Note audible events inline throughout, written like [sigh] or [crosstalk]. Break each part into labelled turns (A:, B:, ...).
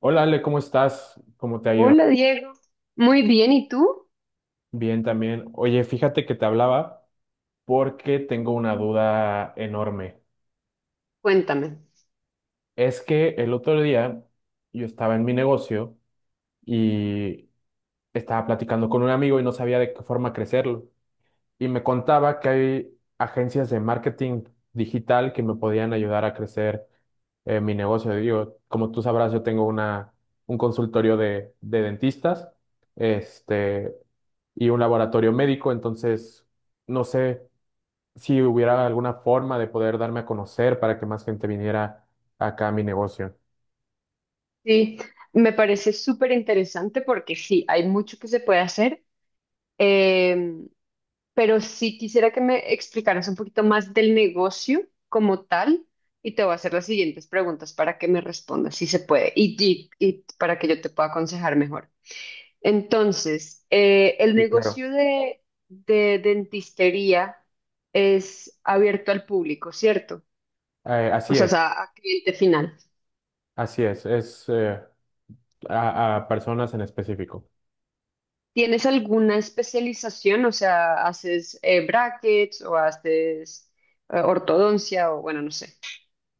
A: Hola Ale, ¿cómo estás? ¿Cómo te ha ido?
B: Hola Diego, muy bien, ¿y tú?
A: Bien también. Oye, fíjate que te hablaba porque tengo una duda enorme.
B: Cuéntame.
A: Es que el otro día yo estaba en mi negocio y estaba platicando con un amigo y no sabía de qué forma crecerlo. Y me contaba que hay agencias de marketing digital que me podían ayudar a crecer mi negocio. Digo, como tú sabrás, yo tengo un consultorio de dentistas, este, y un laboratorio médico. Entonces no sé si hubiera alguna forma de poder darme a conocer para que más gente viniera acá a mi negocio.
B: Sí, me parece súper interesante porque sí, hay mucho que se puede hacer, eh, pero sí quisiera que me explicaras un poquito más del negocio como tal y te voy a hacer las siguientes preguntas para que me respondas si se puede y para que yo te pueda aconsejar mejor. Entonces, el
A: Sí, claro.
B: negocio de dentistería es abierto al público, ¿cierto? O
A: Así
B: sea, es
A: es.
B: a cliente final.
A: Así es a personas en específico.
B: ¿Tienes alguna especialización? O sea, ¿haces brackets o haces ortodoncia o bueno, no sé?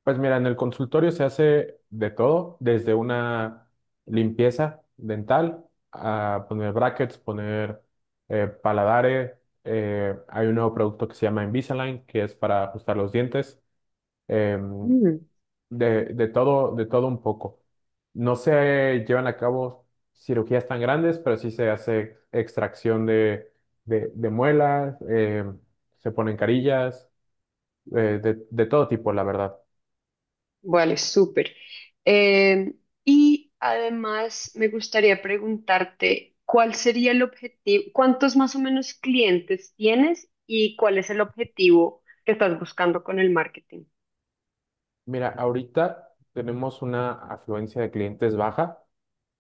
A: Pues mira, en el consultorio se hace de todo, desde una limpieza dental, a poner brackets, poner paladares. Hay un nuevo producto que se llama Invisalign, que es para ajustar los dientes. em,
B: Mm,
A: de todo, de todo un poco. No se llevan a cabo cirugías tan grandes, pero sí se hace extracción de muelas. Se ponen carillas, de todo tipo, la verdad.
B: vale, súper. Eh, y además me gustaría preguntarte, ¿cuál sería el objetivo? ¿Cuántos más o menos clientes tienes y cuál es el objetivo que estás buscando con el marketing?
A: Mira, ahorita tenemos una afluencia de clientes baja.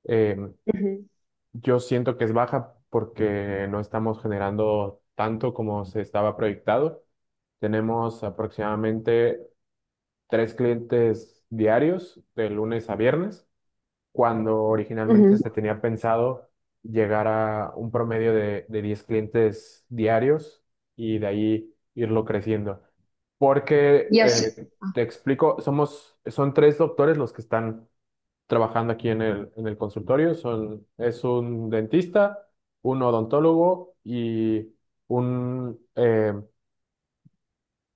A: Em,
B: Ujú,
A: yo siento que es baja porque no estamos generando tanto como se estaba proyectado. Tenemos aproximadamente tres clientes diarios de lunes a viernes cuando originalmente
B: ujú.
A: se tenía pensado llegar a un promedio de 10 clientes diarios y de ahí irlo creciendo. Porque,
B: Y hace,
A: te explico, son tres doctores los que están trabajando aquí en el consultorio. Es un dentista, un odontólogo y un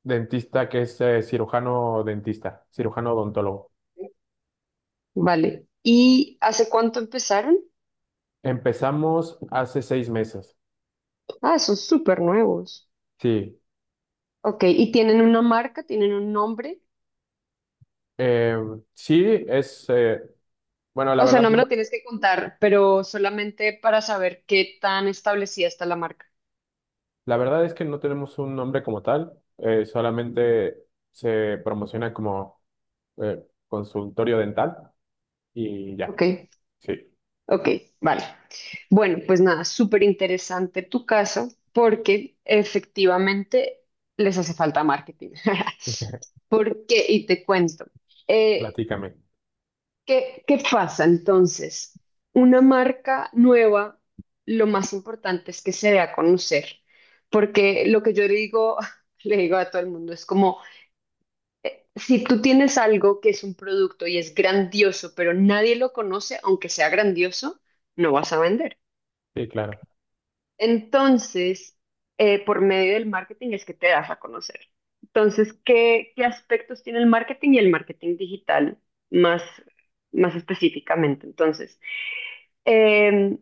A: dentista que es cirujano dentista, cirujano odontólogo.
B: vale. ¿Y hace cuánto empezaron?
A: Empezamos hace 6 meses.
B: Ah, son súper nuevos.
A: Sí.
B: Ok, ¿y tienen una marca? ¿Tienen un nombre?
A: Eh, sí, es, bueno, la
B: O sea,
A: verdad,
B: no me lo tienes que contar, pero solamente para saber qué tan establecida está la marca.
A: la verdad es que no tenemos un nombre como tal. Solamente se promociona como consultorio dental y
B: Ok,
A: ya. Sí,
B: ok, vale. Bueno, pues nada, súper interesante tu caso porque efectivamente les hace falta marketing. [laughs] ¿Por qué? Y te cuento. Eh,
A: platícame.
B: ¿qué pasa entonces? Una marca nueva, lo más importante es que se dé a conocer, porque lo que yo le digo, [laughs] le digo a todo el mundo, es como, si tú tienes algo que es un producto y es grandioso, pero nadie lo conoce, aunque sea grandioso, no vas a vender.
A: Sí, claro.
B: Entonces, por medio del marketing es que te das a conocer. Entonces, ¿qué aspectos tiene el marketing y el marketing digital más, más específicamente? Entonces, Eh,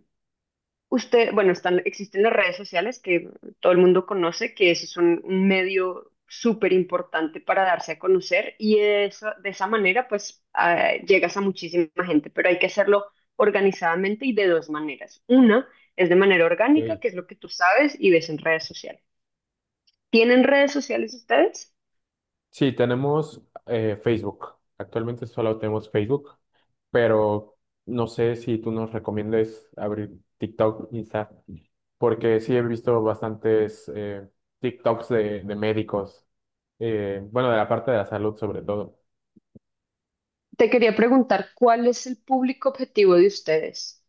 B: usted, bueno, están, existen las redes sociales que todo el mundo conoce, que eso es un medio súper importante para darse a conocer y eso, de esa manera pues ah, llegas a muchísima gente, pero hay que hacerlo organizadamente y de dos maneras. Una es de manera orgánica,
A: Ok.
B: que es lo que tú sabes y ves en redes sociales. ¿Tienen redes sociales ustedes?
A: Sí, tenemos Facebook. Actualmente solo tenemos Facebook, pero no sé si tú nos recomiendes abrir TikTok, Insta. Porque sí he visto bastantes TikToks de médicos. Bueno, de la parte de la salud sobre todo.
B: Te quería preguntar, ¿cuál es el público objetivo de ustedes?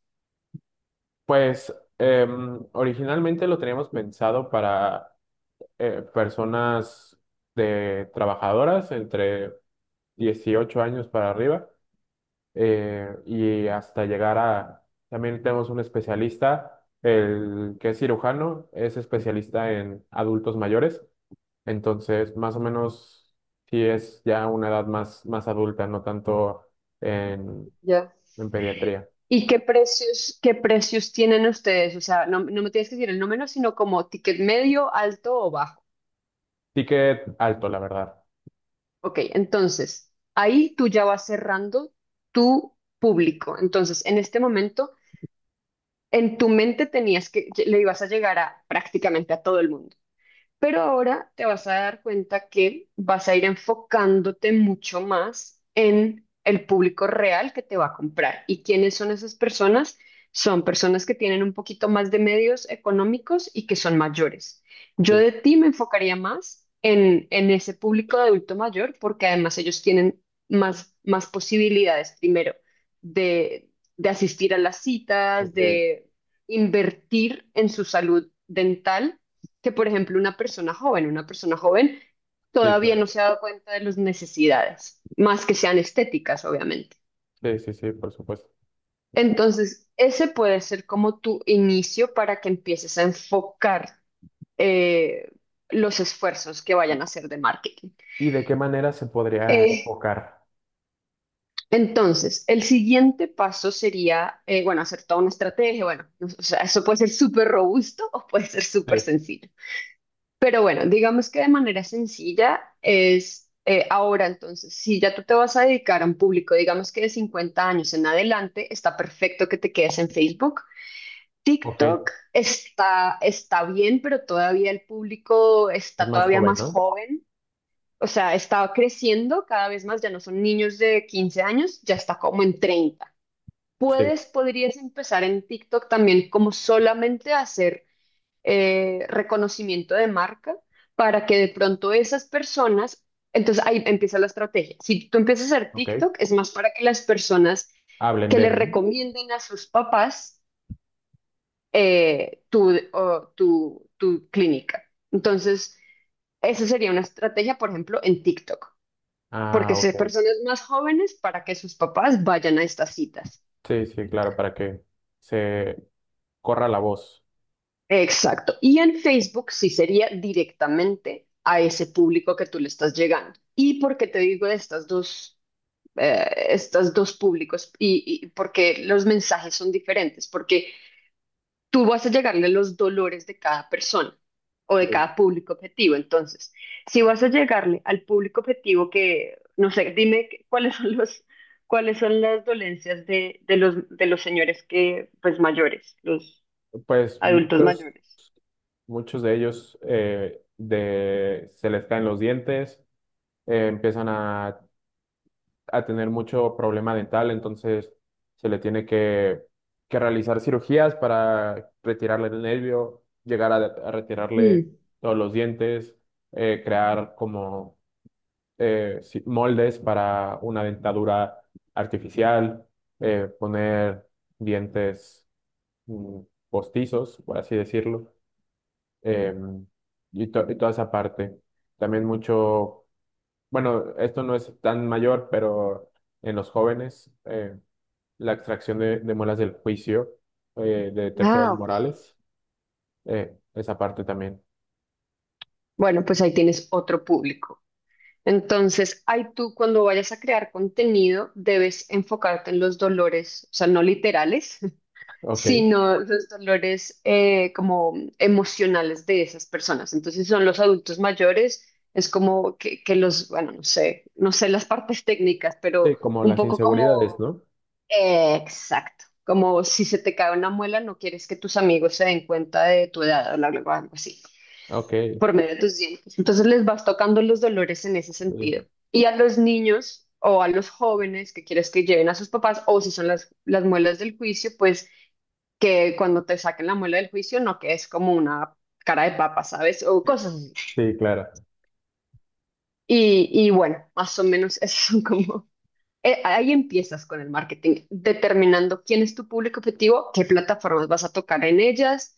A: Pues originalmente lo teníamos pensado para personas de trabajadoras entre 18 años para arriba. Y hasta llegar a, también tenemos un especialista, el que es cirujano, es especialista en adultos mayores. Entonces, más o menos, sí es ya una edad más, más adulta, no tanto en,
B: Ya.
A: en pediatría.
B: ¿Y qué precios tienen ustedes? O sea, no, no me tienes que decir el número, sino como ticket medio, alto o bajo.
A: Ticket alto, la verdad.
B: Ok, entonces, ahí tú ya vas cerrando tu público. Entonces, en este momento, en tu mente tenías que, le ibas a llegar a prácticamente a todo el mundo. Pero ahora te vas a dar cuenta que vas a ir enfocándote mucho más en el público real que te va a comprar. ¿Y quiénes son esas personas? Son personas que tienen un poquito más de medios económicos y que son mayores. Yo
A: Sí.
B: de ti me enfocaría más en ese público de adulto mayor porque además ellos tienen más posibilidades, primero, de, de asistir a las citas,
A: Ok.
B: de invertir en su salud dental que, por ejemplo, una persona joven
A: Sí,
B: todavía
A: claro.
B: no se ha dado cuenta de las necesidades, más que sean estéticas, obviamente.
A: Sí, sí, sí, por supuesto.
B: Entonces, ese puede ser como tu inicio para que empieces a enfocar eh, los esfuerzos que vayan a hacer de marketing.
A: ¿Y de qué manera se podría
B: Eh,
A: enfocar?
B: entonces, el siguiente paso sería, bueno, hacer toda una estrategia, bueno, o sea, eso puede ser súper robusto o puede ser súper
A: Sí.
B: sencillo. Pero bueno, digamos que de manera sencilla es ahora entonces, si ya tú te vas a dedicar a un público, digamos que de 50 años en adelante, está perfecto que te quedes en Facebook.
A: Ok, es
B: TikTok está bien, pero todavía el público está
A: más
B: todavía
A: joven,
B: más
A: ¿no?
B: joven, o sea, está creciendo cada vez más, ya no son niños de 15 años, ya está como en 30.
A: Sí.
B: Podrías empezar en TikTok también como solamente a hacer reconocimiento de marca para que de pronto esas personas, entonces ahí empieza la estrategia. Si tú empiezas a hacer
A: Ok.
B: TikTok, es más para que las personas
A: Hablen
B: que
A: de,
B: le
A: ¿no?
B: recomienden a sus papás o tu clínica. Entonces, esa sería una estrategia, por ejemplo, en TikTok,
A: Ah,
B: porque son
A: ok.
B: personas más jóvenes para que sus papás vayan a estas citas.
A: Sí, sí, claro, para que se corra la voz.
B: Exacto. Y en Facebook sí sería directamente a ese público que tú le estás llegando. ¿Y por qué te digo de estas dos públicos? Y porque los mensajes son diferentes, porque tú vas a llegarle a los dolores de cada persona o de
A: Sí.
B: cada público objetivo. Entonces, si vas a llegarle al público objetivo que, no sé, dime cuáles son los, cuáles son las dolencias de los señores que, pues mayores, los
A: Pues
B: adultos
A: muchos,
B: mayores.
A: muchos de ellos se les caen los dientes. Empiezan a tener mucho problema dental, entonces se le tiene que realizar cirugías para retirarle el nervio, llegar a retirarle todos los dientes. Crear como moldes para una dentadura artificial. Poner dientes mm, postizos, por así decirlo. em, y, y toda esa parte. También mucho bueno, esto no es tan mayor, pero en los jóvenes, la extracción de muelas del juicio. De terceros
B: Ah, ok.
A: morales, esa parte también.
B: Bueno, pues ahí tienes otro público. Entonces, ahí tú cuando vayas a crear contenido, debes enfocarte en los dolores, o sea, no literales, [laughs]
A: Ok.
B: sino los dolores como emocionales de esas personas. Entonces, si son los adultos mayores, es como que los, bueno, no sé, no sé las partes técnicas, pero
A: Sí, como
B: un
A: las
B: poco
A: inseguridades,
B: como,
A: ¿no?
B: exacto, como si se te cae una muela, no quieres que tus amigos se den cuenta de tu edad o algo algo así.
A: Ok.
B: Por medio de tus dientes. Entonces les vas tocando los dolores en ese
A: Sí,
B: sentido. Y a los niños o a los jóvenes que quieres que lleven a sus papás, o si son las muelas del juicio, pues que cuando te saquen la muela del juicio no que es como una cara de papa, ¿sabes? O cosas así.
A: sí, claro.
B: Y bueno, más o menos [laughs] esos son como ahí empiezas con el marketing, determinando quién es tu público objetivo, qué plataformas vas a tocar en ellas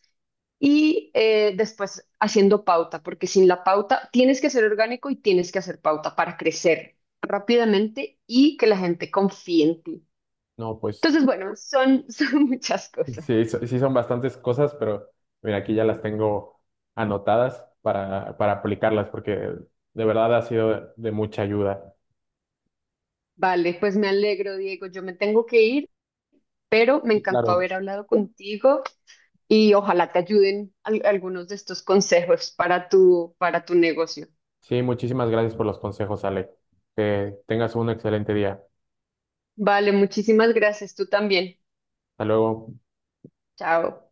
B: y después haciendo pauta, porque sin la pauta tienes que ser orgánico y tienes que hacer pauta para crecer rápidamente y que la gente confíe en ti.
A: No, pues
B: Entonces, bueno, son, [laughs] son muchas cosas.
A: sí, sí son bastantes cosas, pero mira, aquí ya las tengo anotadas para aplicarlas, porque de verdad ha sido de mucha ayuda.
B: Vale, pues me alegro, Diego. Yo me tengo que ir, pero me
A: Y
B: encantó
A: claro.
B: haber hablado contigo y ojalá te ayuden algunos de estos consejos para tu negocio.
A: Sí, muchísimas gracias por los consejos, Ale. Que tengas un excelente día.
B: Vale, muchísimas gracias. Tú también.
A: Hasta luego.
B: Chao.